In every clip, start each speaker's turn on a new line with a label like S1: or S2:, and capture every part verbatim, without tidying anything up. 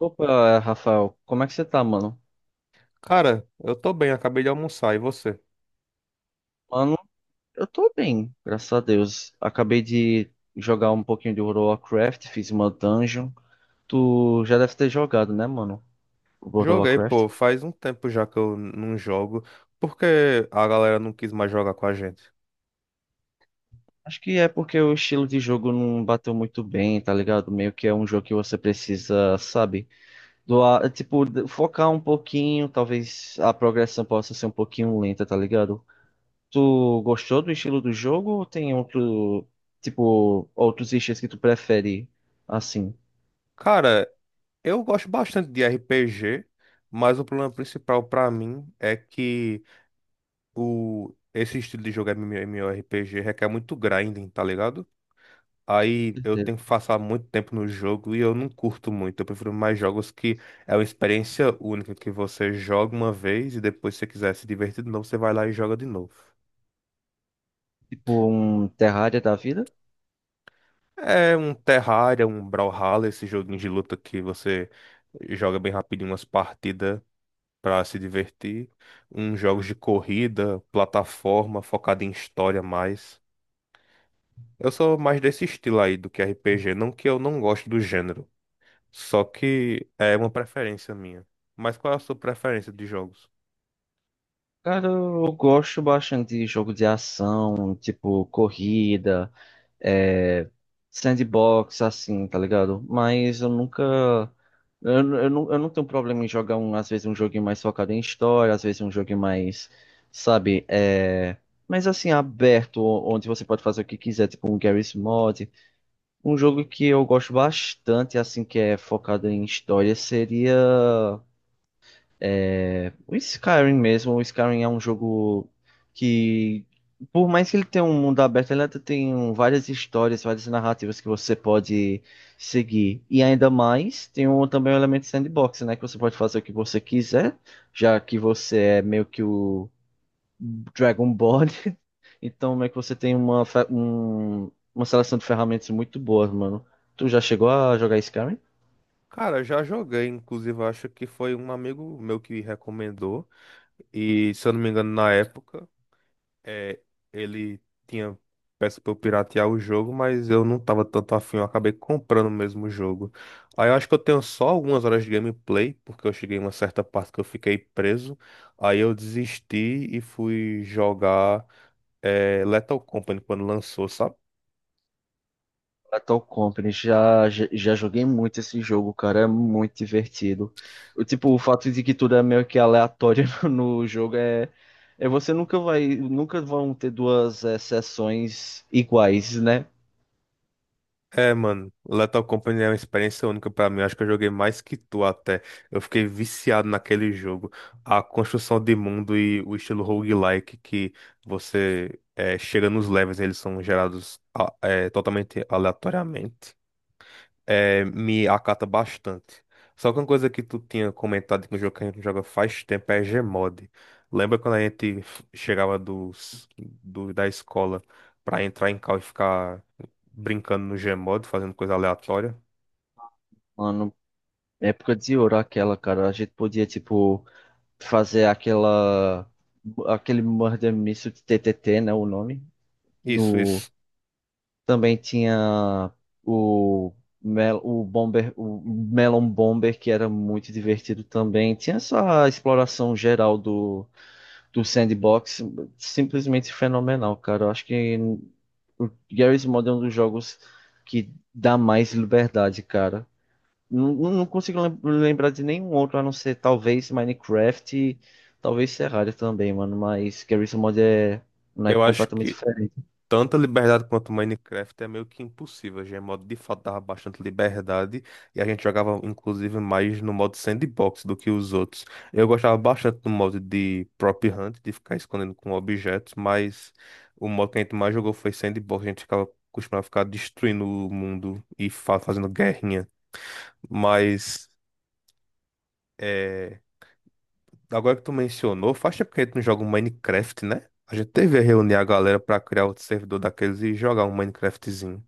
S1: Opa, Rafael, como é que você tá, mano?
S2: Cara, eu tô bem, acabei de almoçar, e você?
S1: Mano, eu tô bem, graças a Deus. Acabei de jogar um pouquinho de World of Warcraft, fiz uma dungeon. Tu já deve ter jogado, né, mano? World of
S2: Joguei,
S1: Warcraft.
S2: pô, faz um tempo já que eu não jogo, porque a galera não quis mais jogar com a gente.
S1: Acho que é porque o estilo de jogo não bateu muito bem, tá ligado? Meio que é um jogo que você precisa, sabe? Doar, tipo, de- focar um pouquinho, talvez a progressão possa ser um pouquinho lenta, tá ligado? Tu gostou do estilo do jogo ou tem outro, tipo, outros estilos que tu prefere? Assim,
S2: Cara, eu gosto bastante de R P G, mas o problema principal pra mim é que o esse estilo de jogo MMORPG requer muito grinding, tá ligado? Aí eu
S1: certeza.
S2: tenho que passar muito tempo no jogo e eu não curto muito. Eu prefiro mais jogos que é uma experiência única que você joga uma vez e depois, se você quiser se divertir de novo, você vai lá e joga de novo.
S1: Tipo um Terraria da vida?
S2: É um Terraria, um Brawlhalla, esse joguinho de luta que você joga bem rapidinho umas partidas pra se divertir. Uns jogos de corrida, plataforma, focado em história mais. Eu sou mais desse estilo aí do que R P G, não que eu não goste do gênero, só que é uma preferência minha. Mas qual é a sua preferência de jogos?
S1: Cara, eu gosto bastante de jogo de ação, tipo corrida, é, sandbox, assim, tá ligado? Mas eu nunca. Eu, eu, não, eu não tenho problema em jogar, um, às vezes, um joguinho mais focado em história, às vezes, um joguinho mais, sabe? É, mas assim, aberto, onde você pode fazer o que quiser, tipo um Garry's Mod. Um jogo que eu gosto bastante, assim, que é focado em história, seria. O Skyrim mesmo, o Skyrim é um jogo que, por mais que ele tenha um mundo aberto, ele até tem um- várias histórias, várias narrativas que você pode seguir. E ainda mais, tem um, também o elemento sandbox, né? Que você pode fazer o que você quiser, já que você é meio que o Dragonborn. Então, meio que você tem uma, fe- um- uma seleção de ferramentas muito boas, mano. Tu já chegou a jogar Skyrim?
S2: Cara, eu já joguei, inclusive acho que foi um amigo meu que recomendou, e se eu não me engano, na época. É, ele tinha peça pra eu piratear o jogo, mas eu não tava tanto afim, eu acabei comprando mesmo o jogo. Aí eu acho que eu tenho só algumas horas de gameplay, porque eu cheguei em uma certa parte que eu fiquei preso. Aí eu desisti e fui jogar é, Lethal Company quando lançou, sabe?
S1: Lethal Company, já, já, já joguei muito esse jogo, cara, é muito divertido. O, tipo, o fato de que tudo é meio que aleatório no jogo é, é você nunca vai, nunca vão ter duas eh, sessões iguais, né?
S2: É, mano, Lethal Company é uma experiência única pra mim. Acho que eu joguei mais que tu até. Eu fiquei viciado naquele jogo. A construção de mundo e o estilo roguelike que você é, chega nos levels, eles são gerados a- é, totalmente aleatoriamente. É, me acata bastante. Só que uma coisa que tu tinha comentado que no jogo que a gente joga faz tempo é Gmod. Lembra quando a gente f- chegava dos, do, da escola pra entrar em cal e ficar brincando no Gmod, fazendo coisa aleatória.
S1: Mano, época de ouro aquela, cara, a gente podia, tipo, fazer aquela, aquele Murder Mystery T T T, né, o nome.
S2: Isso, isso.
S1: Também tinha o, Mel, o Bomber, o Melon Bomber, que era muito divertido também. Tinha essa exploração geral do, do sandbox, simplesmente fenomenal, cara. Eu acho que o Garry's Mod é um dos jogos que dá mais liberdade, cara. Não, não não consigo lem- lembrar de nenhum outro, a não ser talvez Minecraft e talvez Terraria também, mano. Mas Garry's Mod é um naipe
S2: Eu acho
S1: completamente
S2: que
S1: diferente.
S2: tanta liberdade quanto o Minecraft é meio que impossível. O Gmod de fato dava bastante liberdade e a gente jogava inclusive mais no modo sandbox do que os outros. Eu gostava bastante do modo de prop hunt, de ficar escondendo com objetos, mas o modo que a gente mais jogou foi sandbox, a gente ficava costumava ficar destruindo o mundo e fa- fazendo guerrinha, mas é, agora que tu mencionou, faz tempo que a gente não joga um Minecraft, né? A gente teve a reunir a galera pra criar outro servidor daqueles e jogar um Minecraftzinho.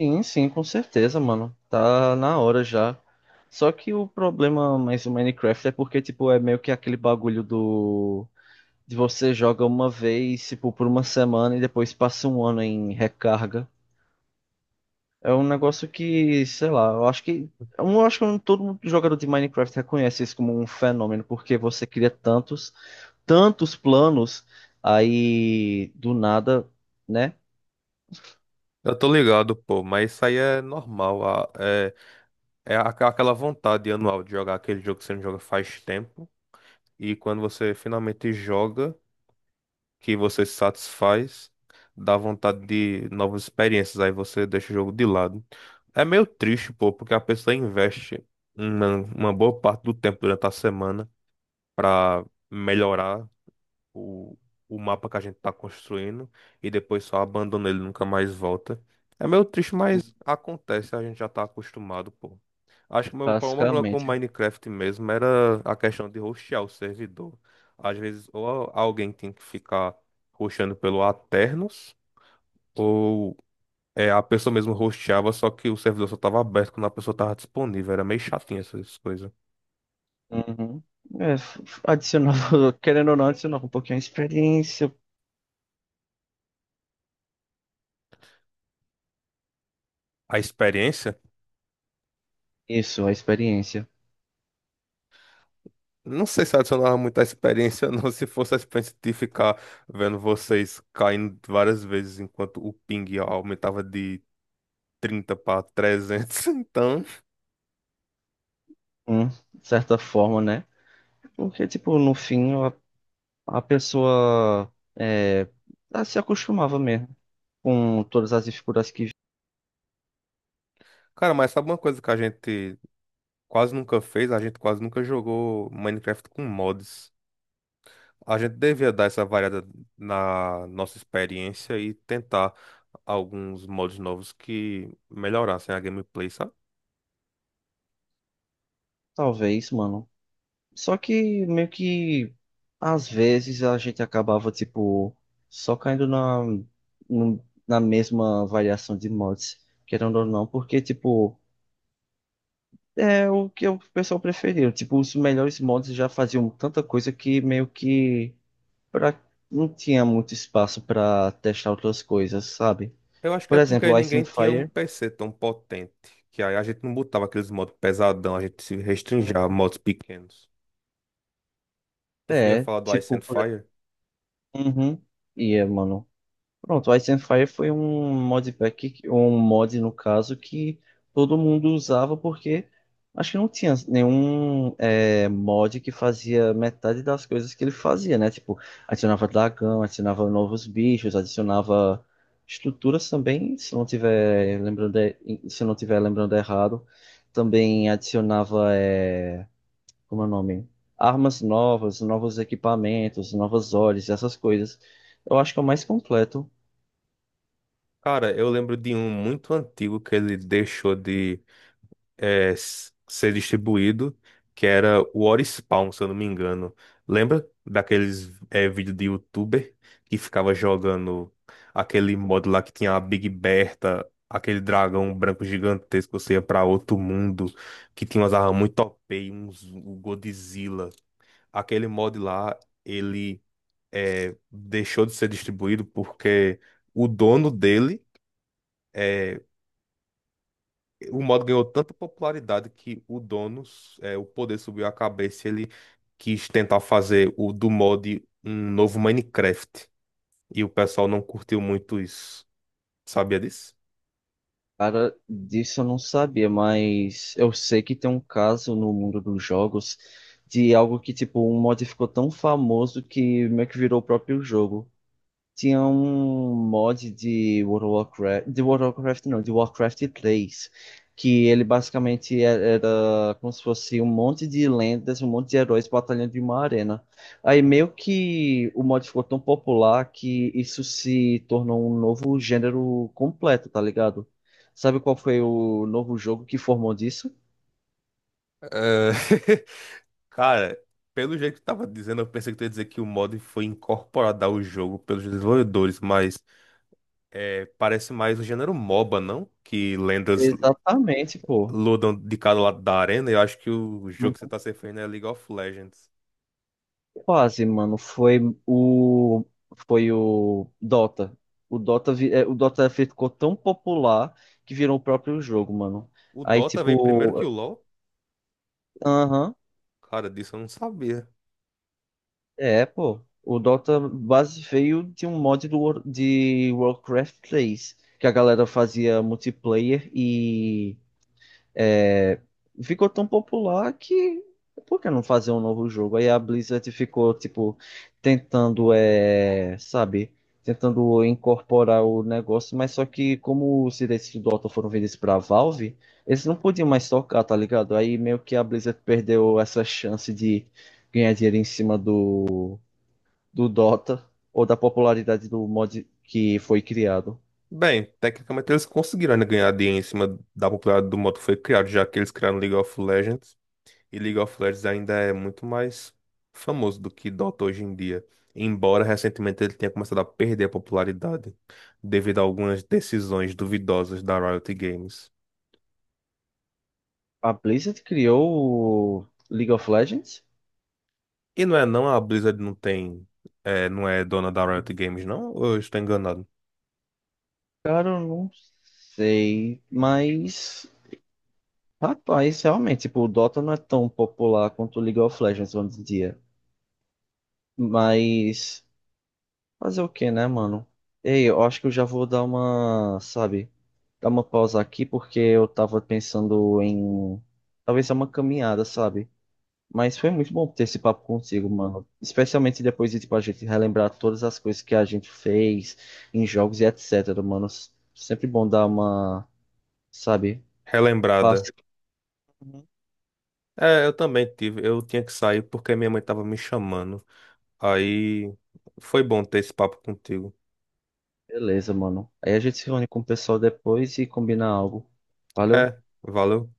S1: Sim, sim, com certeza, mano. Tá na hora já. Só que o problema mais do Minecraft é porque, tipo, é meio que aquele bagulho do... De você joga uma vez, tipo, por uma semana e depois passa um ano em recarga. É um negócio que, sei lá, eu acho que... Eu acho que todo jogador de Minecraft reconhece isso como um fenômeno, porque você cria tantos, tantos planos, aí do nada, né?
S2: Eu tô ligado, pô, mas isso aí é normal. a- É, é aqua- aquela vontade anual de jogar aquele jogo que você não joga faz tempo. E quando você finalmente joga, que você se satisfaz, dá vontade de novas experiências. Aí você deixa o jogo de lado. É meio triste, pô, porque a pessoa investe uma, uma boa parte do tempo durante a semana pra melhorar o, o mapa que a gente tá construindo e depois só abandona ele, nunca mais volta. É meio triste, mas acontece, a gente já tá acostumado, pô. Acho que o meu problema com o
S1: Basicamente.
S2: Minecraft mesmo era a questão de hostear o servidor. Às vezes, ou a- alguém tem que ficar hosteando pelo Aternos, ou é, a pessoa mesmo hosteava, só que o servidor só tava aberto quando a pessoa tava disponível. Era meio chatinho essas coisas.
S1: Uhum. É, f- f- adicionava, querendo ou não, adicionava um pouquinho a experiência.
S2: A experiência.
S1: Isso, a experiência.
S2: Não sei se adicionava muita experiência, não. Se fosse a experiência de ficar vendo vocês caindo várias vezes enquanto o ping aumentava de trinta para trezentos. Então,
S1: Hum, de certa forma, né? Porque, tipo, no fim, a, a pessoa é, ela se acostumava mesmo com todas as dificuldades que
S2: cara, mas sabe uma coisa que a gente quase nunca fez? A gente quase nunca jogou Minecraft com mods. A gente devia dar essa variada na nossa experiência e tentar alguns modos novos que melhorassem a gameplay, sabe?
S1: talvez, mano. Só que meio que às vezes a gente acabava, tipo, só caindo na, no- na mesma variação de mods, querendo ou não, porque, tipo. É o que o pessoal preferiu. Tipo, os melhores mods já faziam tanta coisa que meio que pra... não tinha muito espaço pra testar outras coisas, sabe?
S2: Eu acho que
S1: Por
S2: é
S1: exemplo,
S2: porque
S1: o Ice and
S2: ninguém tinha um
S1: Fire.
S2: P C tão potente, que aí a gente não botava aqueles modos pesadão, a gente se restringia a modos pequenos. Tu ia
S1: É,
S2: falar do Ice
S1: tipo,
S2: and
S1: por...
S2: Fire?
S1: Uhum. E é, mano, pronto, o Ice and Fire foi um modpack, que- um mod no caso, que todo mundo usava porque acho que não tinha nenhum é, mod que fazia metade das coisas que ele fazia, né? Tipo, adicionava dragão, adicionava novos bichos, adicionava estruturas também, se não tiver lembrando, e- se não tiver lembrando errado, também adicionava, é, como é o nome? Armas novas, novos equipamentos, novas olhos, essas coisas. Eu acho que é o mais completo.
S2: Cara, eu lembro de um muito antigo que ele deixou de é, s- ser distribuído, que era o Orispawn, se eu não me engano. Lembra daqueles é, vídeos de youtuber que ficava jogando aquele modo lá que tinha a Big Bertha, aquele dragão branco gigantesco, você ia pra outro mundo, que tinha umas armas muito O P, e uns o Godzilla. Aquele mod lá, ele é, deixou de ser distribuído porque o dono dele. é, o modo ganhou tanta popularidade que o dono, é, o poder subiu a cabeça, e ele quis tentar fazer o do mod um novo Minecraft. E o pessoal não curtiu muito isso. Sabia disso?
S1: Cara, disso eu não sabia, mas eu sei que tem um caso no mundo dos jogos de algo que, tipo, um mod ficou tão famoso que meio que virou o próprio jogo. Tinha um mod de World of Warcraft, de World of Warcraft não, de Warcraft três, que ele basicamente e- era como se fosse um monte de lendas, um monte de heróis batalhando em uma arena. Aí meio que o mod ficou tão popular que isso se tornou um novo gênero completo, tá ligado? Sabe qual foi o novo jogo que formou disso?
S2: É, Cara, pelo jeito que tu tava dizendo, eu pensei que tu ia dizer que o mod foi incorporado ao jogo pelos desenvolvedores, mas é, parece mais o gênero MOBA, não? Que lendas
S1: Exatamente, pô.
S2: lutam de cada lado da arena. Eu acho que o jogo que você tá se referindo é League of Legends.
S1: Quase, mano. Foi o foi o Dota. O Dota vi- é, o Dota ficou tão popular que virou o próprio jogo, mano.
S2: O
S1: Aí
S2: Dota veio primeiro que
S1: tipo,
S2: o LoL?
S1: aham,
S2: Cara, disso eu não sabia.
S1: é, pô. O Dota base veio de um mod do War- de Warcraft três, que a galera fazia multiplayer e é, ficou tão popular que por que não fazer um novo jogo? Aí a Blizzard ficou, tipo, tentando, é, sabe, tentando incorporar o negócio, mas só que como os direitos do Dota foram vendidos pra Valve, eles não podiam mais tocar, tá ligado? Aí meio que a Blizzard perdeu essa chance de ganhar dinheiro em cima do, do Dota ou da popularidade do mod que foi criado.
S2: Bem, tecnicamente eles conseguiram ainda ganhar dinheiro em cima da popularidade do modo que foi criado, já que eles criaram League of Legends. E League of Legends ainda é muito mais famoso do que Dota hoje em dia. Embora recentemente ele tenha começado a perder a popularidade devido a algumas decisões duvidosas da Riot Games.
S1: A Blizzard criou o League of Legends?
S2: E não é não, a Blizzard não tem, é, não é dona da Riot Games, não? Ou eu estou enganado?
S1: Cara, eu não sei, mas rapaz, realmente, tipo, o Dota não é tão popular quanto o League of Legends hoje em dia. Mas fazer o que, né, mano? Ei, eu acho que eu já vou dar uma, sabe, dar uma pausa aqui porque eu tava pensando em talvez dar uma caminhada, sabe? Mas foi muito bom ter esse papo contigo, mano. Especialmente depois de, tipo, a gente relembrar todas as coisas que a gente fez em jogos e etc, mano. Sempre bom dar uma, sabe?
S2: Relembrada.
S1: Uhum.
S2: É, eu também tive. Eu tinha que sair porque minha mãe estava me chamando. Aí foi bom ter esse papo contigo.
S1: Beleza, mano. Aí a gente se reúne com o pessoal depois e combina algo. Valeu.
S2: É, valeu.